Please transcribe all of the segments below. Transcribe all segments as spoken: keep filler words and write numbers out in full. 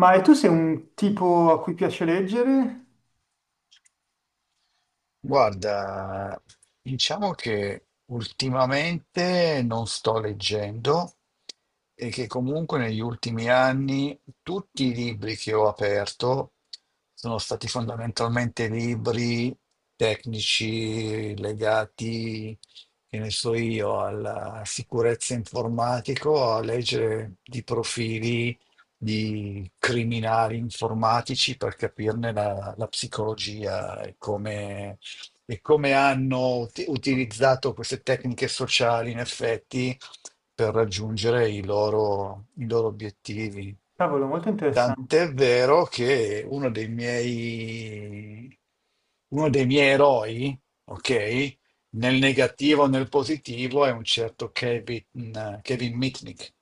Ma e tu sei un tipo a cui piace leggere? Guarda, diciamo che ultimamente non sto leggendo e che comunque negli ultimi anni tutti i libri che ho aperto sono stati fondamentalmente libri tecnici legati, che ne so io, alla sicurezza informatica, o a leggere di profili di criminali informatici per capirne la, la psicologia e come e come hanno ut- Ah. utilizzato queste tecniche sociali, in effetti, per raggiungere i loro, i loro obiettivi. Cavolo, molto interessante. Tant'è vero che uno dei miei, uno dei miei eroi, ok, nel negativo o nel positivo, è un certo Kevin, Kevin Mitnick,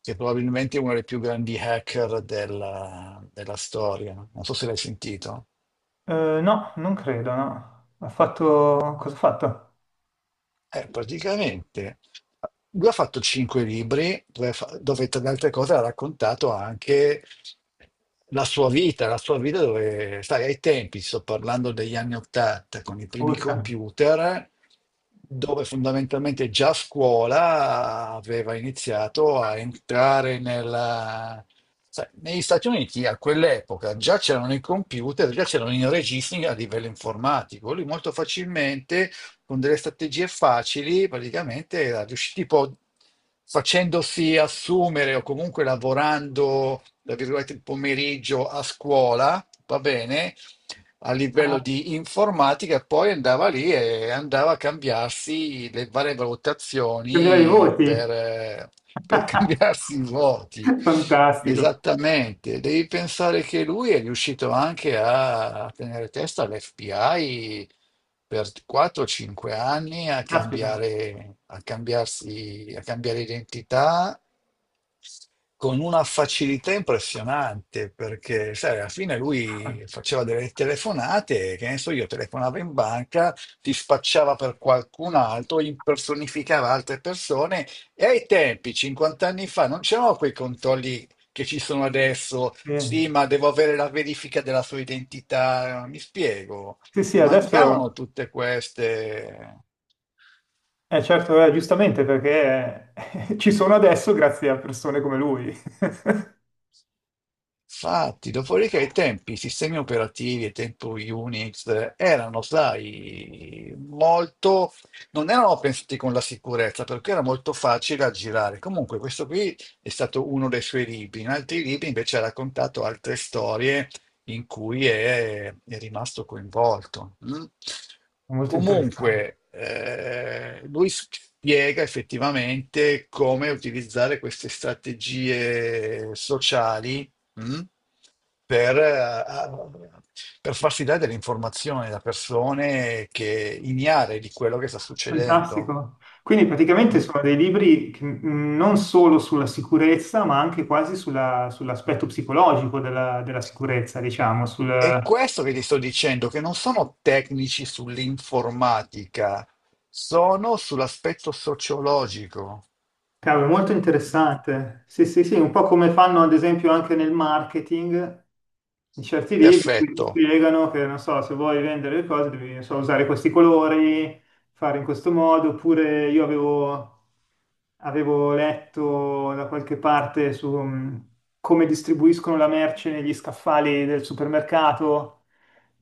che probabilmente è uno dei più grandi hacker della, della storia. Non so se l'hai sentito. Eh, no, non credo, no. Ha fatto... Cosa ha fatto? Eh, praticamente lui ha fatto cinque libri dove, fa- dove, tra le altre cose ha raccontato anche la sua vita, la sua vita dove, sai, ai tempi, sto parlando degli anni Ottanta, con i primi Urca. computer, dove fondamentalmente già a scuola aveva iniziato a entrare nella... sai, negli Stati Uniti a quell'epoca già c'erano i computer, già c'erano i registri a livello informatico. Lui molto facilmente, con delle strategie facili, praticamente era riuscito, tipo facendosi assumere o comunque lavorando, tra virgolette, il pomeriggio a scuola, va bene, a livello di informatica, e poi andava lì e andava a cambiarsi le varie tremila di valutazioni voti. per, eh, per cambiarsi i voti. Fantastico. Esattamente, devi pensare che lui è riuscito anche a a tenere testa all'F B I per quattro o cinque anni a Caspita. cambiare, a cambiarsi, a cambiare identità con una facilità impressionante, perché sai, alla fine lui faceva delle telefonate, che ne so, io telefonavo in banca, ti spacciava per qualcun altro, impersonificava altre persone e ai tempi, cinquanta anni fa, non c'erano quei controlli che ci sono adesso, sì, Bene. ma devo avere la verifica della sua identità, mi spiego, Sì, sì, mancavano adesso. tutte queste. Eh, certo, eh, giustamente, perché ci sono adesso grazie a persone come lui. Infatti, dopodiché i tempi, i sistemi operativi e tempo Unix eh, erano, sai, molto, non erano pensati con la sicurezza perché era molto facile aggirare. Comunque, questo qui è stato uno dei suoi libri. In altri libri invece ha raccontato altre storie in cui è, è rimasto coinvolto. mm. Molto interessante. Comunque, eh, lui spiega effettivamente come utilizzare queste strategie sociali. Mm? per, eh, per farsi dare delle informazioni da persone che ignare di quello che sta succedendo. Fantastico. Quindi praticamente Mm? sono dei libri che, mh, non solo sulla sicurezza, ma anche quasi sulla- sull'aspetto psicologico della, della sicurezza, diciamo, sul. È questo che ti sto dicendo, che non sono tecnici sull'informatica, sono sull'aspetto sociologico. Cavolo, è molto Mm? interessante. Sì, sì, sì, un po' come fanno ad esempio anche nel marketing, in certi libri in cui ti Perfetto. spiegano che, non so, se vuoi vendere le cose devi, non so, usare questi colori, fare in questo modo, oppure io avevo... avevo letto da qualche parte su mh, come distribuiscono la merce negli scaffali del supermercato,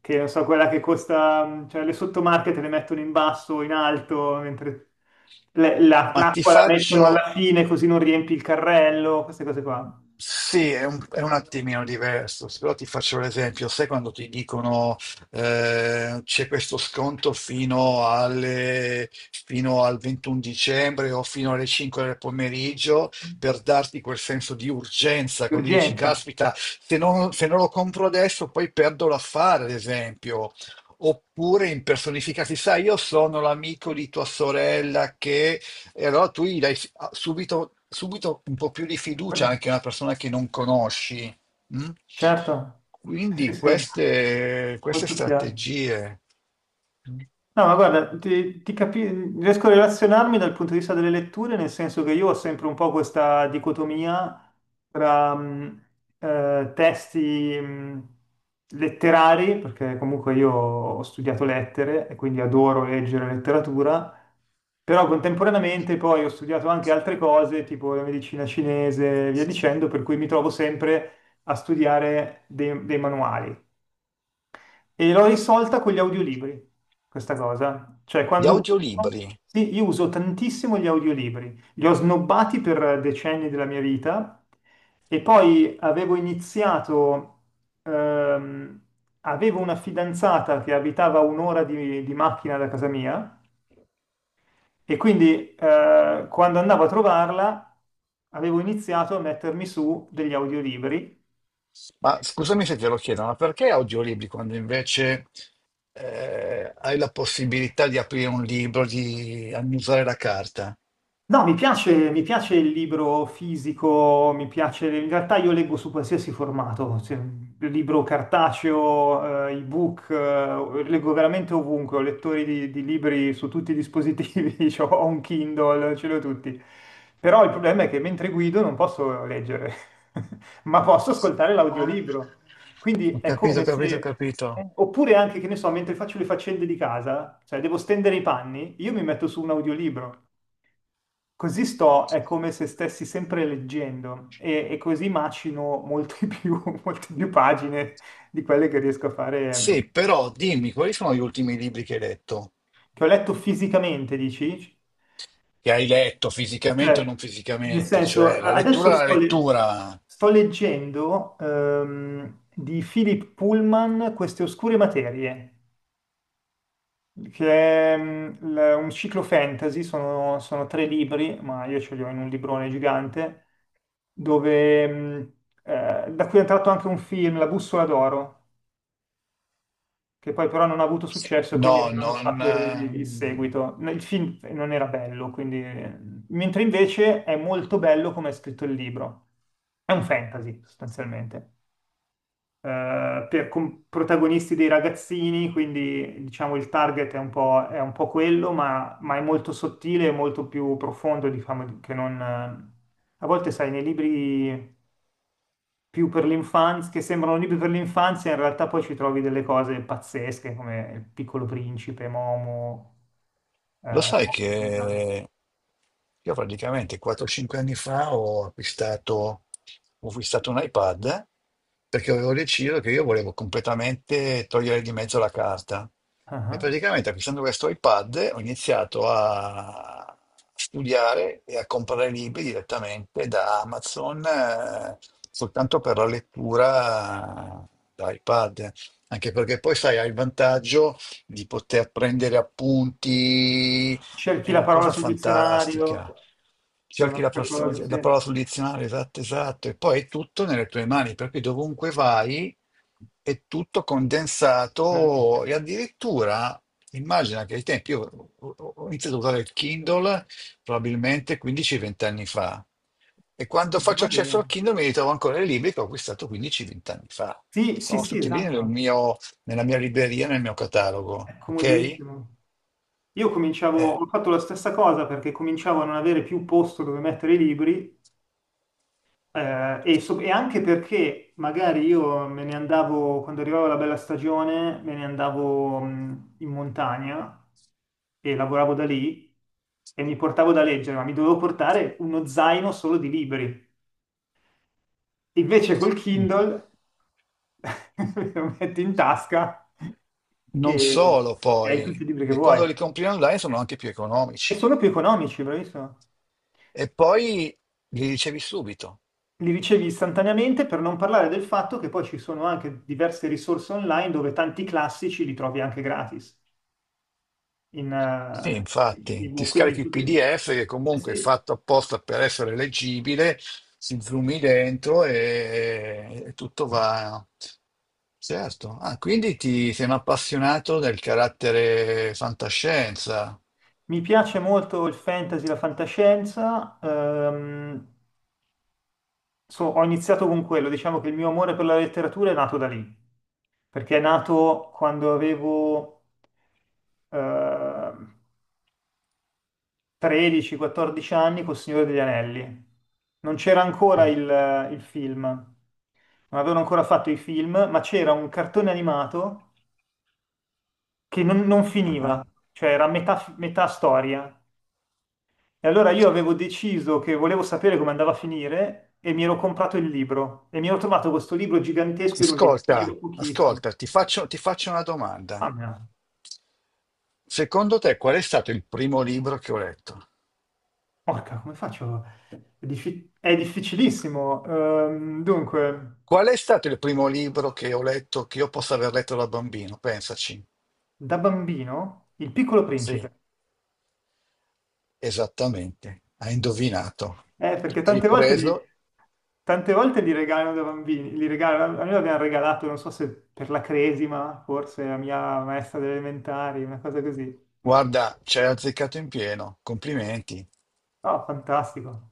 che non so, quella che costa, mh, cioè le sottomarche te le mettono in basso o in alto, mentre le- la- Ma ti l'acqua la mettono alla faccio fine così non riempi il carrello, queste cose qua. Sì, è un, è un attimino diverso, però ti faccio l'esempio, sai, quando ti dicono, eh, c'è questo sconto fino, alle- fino al ventuno dicembre o fino alle cinque del pomeriggio, per darti quel senso di urgenza, Di così dici, urgenza. caspita, se non, se non lo compro adesso poi perdo l'affare, ad esempio. Oppure impersonificati, sai, io sono l'amico di tua sorella che e allora tu gli dai fi- ah, subito, subito un po' più di fiducia anche a una persona che non conosci. Mm? Certo, sì, sì, Quindi sì, queste, queste molto chiaro. strategie. Mm. No, ma guarda, ti, ti capi- riesco a relazionarmi dal punto di vista delle letture, nel senso che io ho sempre un po' questa dicotomia tra mh, eh, testi mh, letterari, perché comunque io ho studiato lettere e quindi adoro leggere letteratura, però contemporaneamente poi ho studiato anche altre cose, tipo la medicina cinese e via dicendo, per cui mi trovo sempre a studiare dei dei manuali. E l'ho risolta con gli audiolibri, questa cosa. Cioè, Gli quando. audiolibri, Sì, io uso tantissimo gli audiolibri. Li ho snobbati per decenni della mia vita e poi avevo iniziato. ehm, Avevo una fidanzata che abitava a un'ora di, di macchina da casa mia e quindi eh, quando andavo a trovarla avevo iniziato a mettermi su degli audiolibri. ma scusami se te lo chiedo, ma perché audiolibri quando invece eh, hai la possibilità di aprire un libro, di annusare la carta? No, mi piace, mi piace il libro fisico, mi piace, in realtà io leggo su qualsiasi formato, se- libro cartaceo, eh, ebook, eh, leggo veramente ovunque, ho lettori di, di libri su tutti i dispositivi, cioè, ho un Kindle, ce l'ho tutti. Però il problema è che mentre guido non posso leggere, ma posso ascoltare Ah. l'audiolibro. Quindi Ho è capito, ho come se. capito, ho capito. eh, Oppure anche, che ne so, mentre faccio le faccende di casa, cioè devo stendere i panni, io mi metto su un audiolibro. Così sto, è come se stessi sempre leggendo e, e così macino molte più, molte più pagine di quelle che riesco a Sì, fare, però dimmi, quali sono gli ultimi libri che hai letto? che ho letto fisicamente, dici? Che hai letto fisicamente o Cioè, non nel fisicamente, senso, cioè la adesso lettura è la sto, le- lettura. sto leggendo ehm, di Philip Pullman queste oscure materie. Che è mm, l- un ciclo fantasy, sono, sono tre libri, ma io ce li ho in un librone gigante, dove, mm, eh, da cui è entrato anche un film, La bussola d'oro, che poi però non ha avuto successo, e quindi No, non hanno non. fatto il, il Ehm, seguito. Il film non era bello, quindi. Mentre invece è molto bello come è scritto il libro. È un fantasy, sostanzialmente eh, per com- protagonisti dei ragazzini, quindi diciamo il target è un po', è un po' quello, ma, ma è molto sottile e molto più profondo, diciamo, che non. eh, A volte, sai, nei libri più per l'infanzia, che sembrano libri per l'infanzia, in realtà poi ci trovi delle cose pazzesche come Il Piccolo Principe, Momo, Lo eh, sai Conan. che io praticamente quattro cinque anni fa ho acquistato, ho acquistato un iPad perché avevo deciso che io volevo completamente togliere di mezzo la carta. E Ah. praticamente acquistando questo iPad ho iniziato a studiare e a comprare libri direttamente da Amazon, eh, soltanto per la lettura da iPad. Anche perché poi, sai, hai il vantaggio di poter prendere appunti, è Cerchi la una parola cosa sul dizionario, fantastica. che è Cerchi la, un'altra perso- cosa, sì. la parola sul dizionario, esatto, esatto, e poi è tutto nelle tue mani, per cui dovunque vai è tutto condensato Bravissimo. e addirittura immagina che ai tempi io ho ho- ho iniziato a usare il Kindle probabilmente quindici venti anni fa. E quando Eh, faccio accesso Domani. al Kindle mi ritrovo ancora i libri che ho acquistato quindici venti anni fa. Sì, sì, Sono sì, tutti lì nel esatto, mio, nella mia libreria, nel mio catalogo, è ok? comodissimo. Io cominciavo, Eh, ho fatto la stessa cosa perché cominciavo a non avere più posto dove mettere i libri eh, e, so- e anche perché magari io me ne andavo, quando arrivava la bella stagione, me ne andavo mh, in montagna e lavoravo da lì e mi portavo da leggere, ma mi dovevo portare uno zaino solo di libri. Invece col Kindle lo metti in tasca Non e solo e hai tutti poi, i libri che che quando vuoi. li compri online sono anche più E economici. sono più economici, bravissimo. E poi li ricevi subito. Li ricevi istantaneamente per non parlare del fatto che poi ci sono anche diverse risorse online dove tanti classici li trovi anche gratis. In, Sì, eh, in infatti, ti ebook. Quindi scarichi il tutti- P D F che eh comunque è sì, fatto apposta per essere leggibile, si zoomi dentro e, e tutto va. Certo. Ah, quindi ti sei un appassionato del carattere fantascienza. mi piace molto il fantasy, la fantascienza. ehm, so- ho iniziato con quello, diciamo che il mio amore per la letteratura è nato da lì. Perché è nato quando avevo eh, tredici quattordici anni col Signore degli Anelli. Non c'era ancora Mm. il, il film, non avevano ancora fatto i film, ma c'era un cartone animato che non, non Ah. finiva, cioè era metà, fi- metà storia. E allora io avevo deciso che volevo sapere come andava a finire e mi ero comprato il libro e mi ero trovato questo libro gigantesco, io non Ascolta, leggevo pochissimo. ascolta, ti faccio, ti faccio una domanda. Mamma mia. Secondo te qual è stato il primo libro che ho letto? Porca, come faccio? È, diffi- è difficilissimo. Ehm, dunque, Qual è stato il primo libro che ho letto, che io possa aver letto da bambino? Pensaci. da bambino, Il Piccolo Sì, Principe. esattamente, hai indovinato. Eh, perché Hai tante volte li, preso, tante volte li regalano da bambini. Li regalano, a me l'abbiamo regalato, non so se per la cresima, forse, la mia maestra delle elementari, una cosa così. guarda, ci hai azzeccato in pieno, complimenti. Oh, fantastico.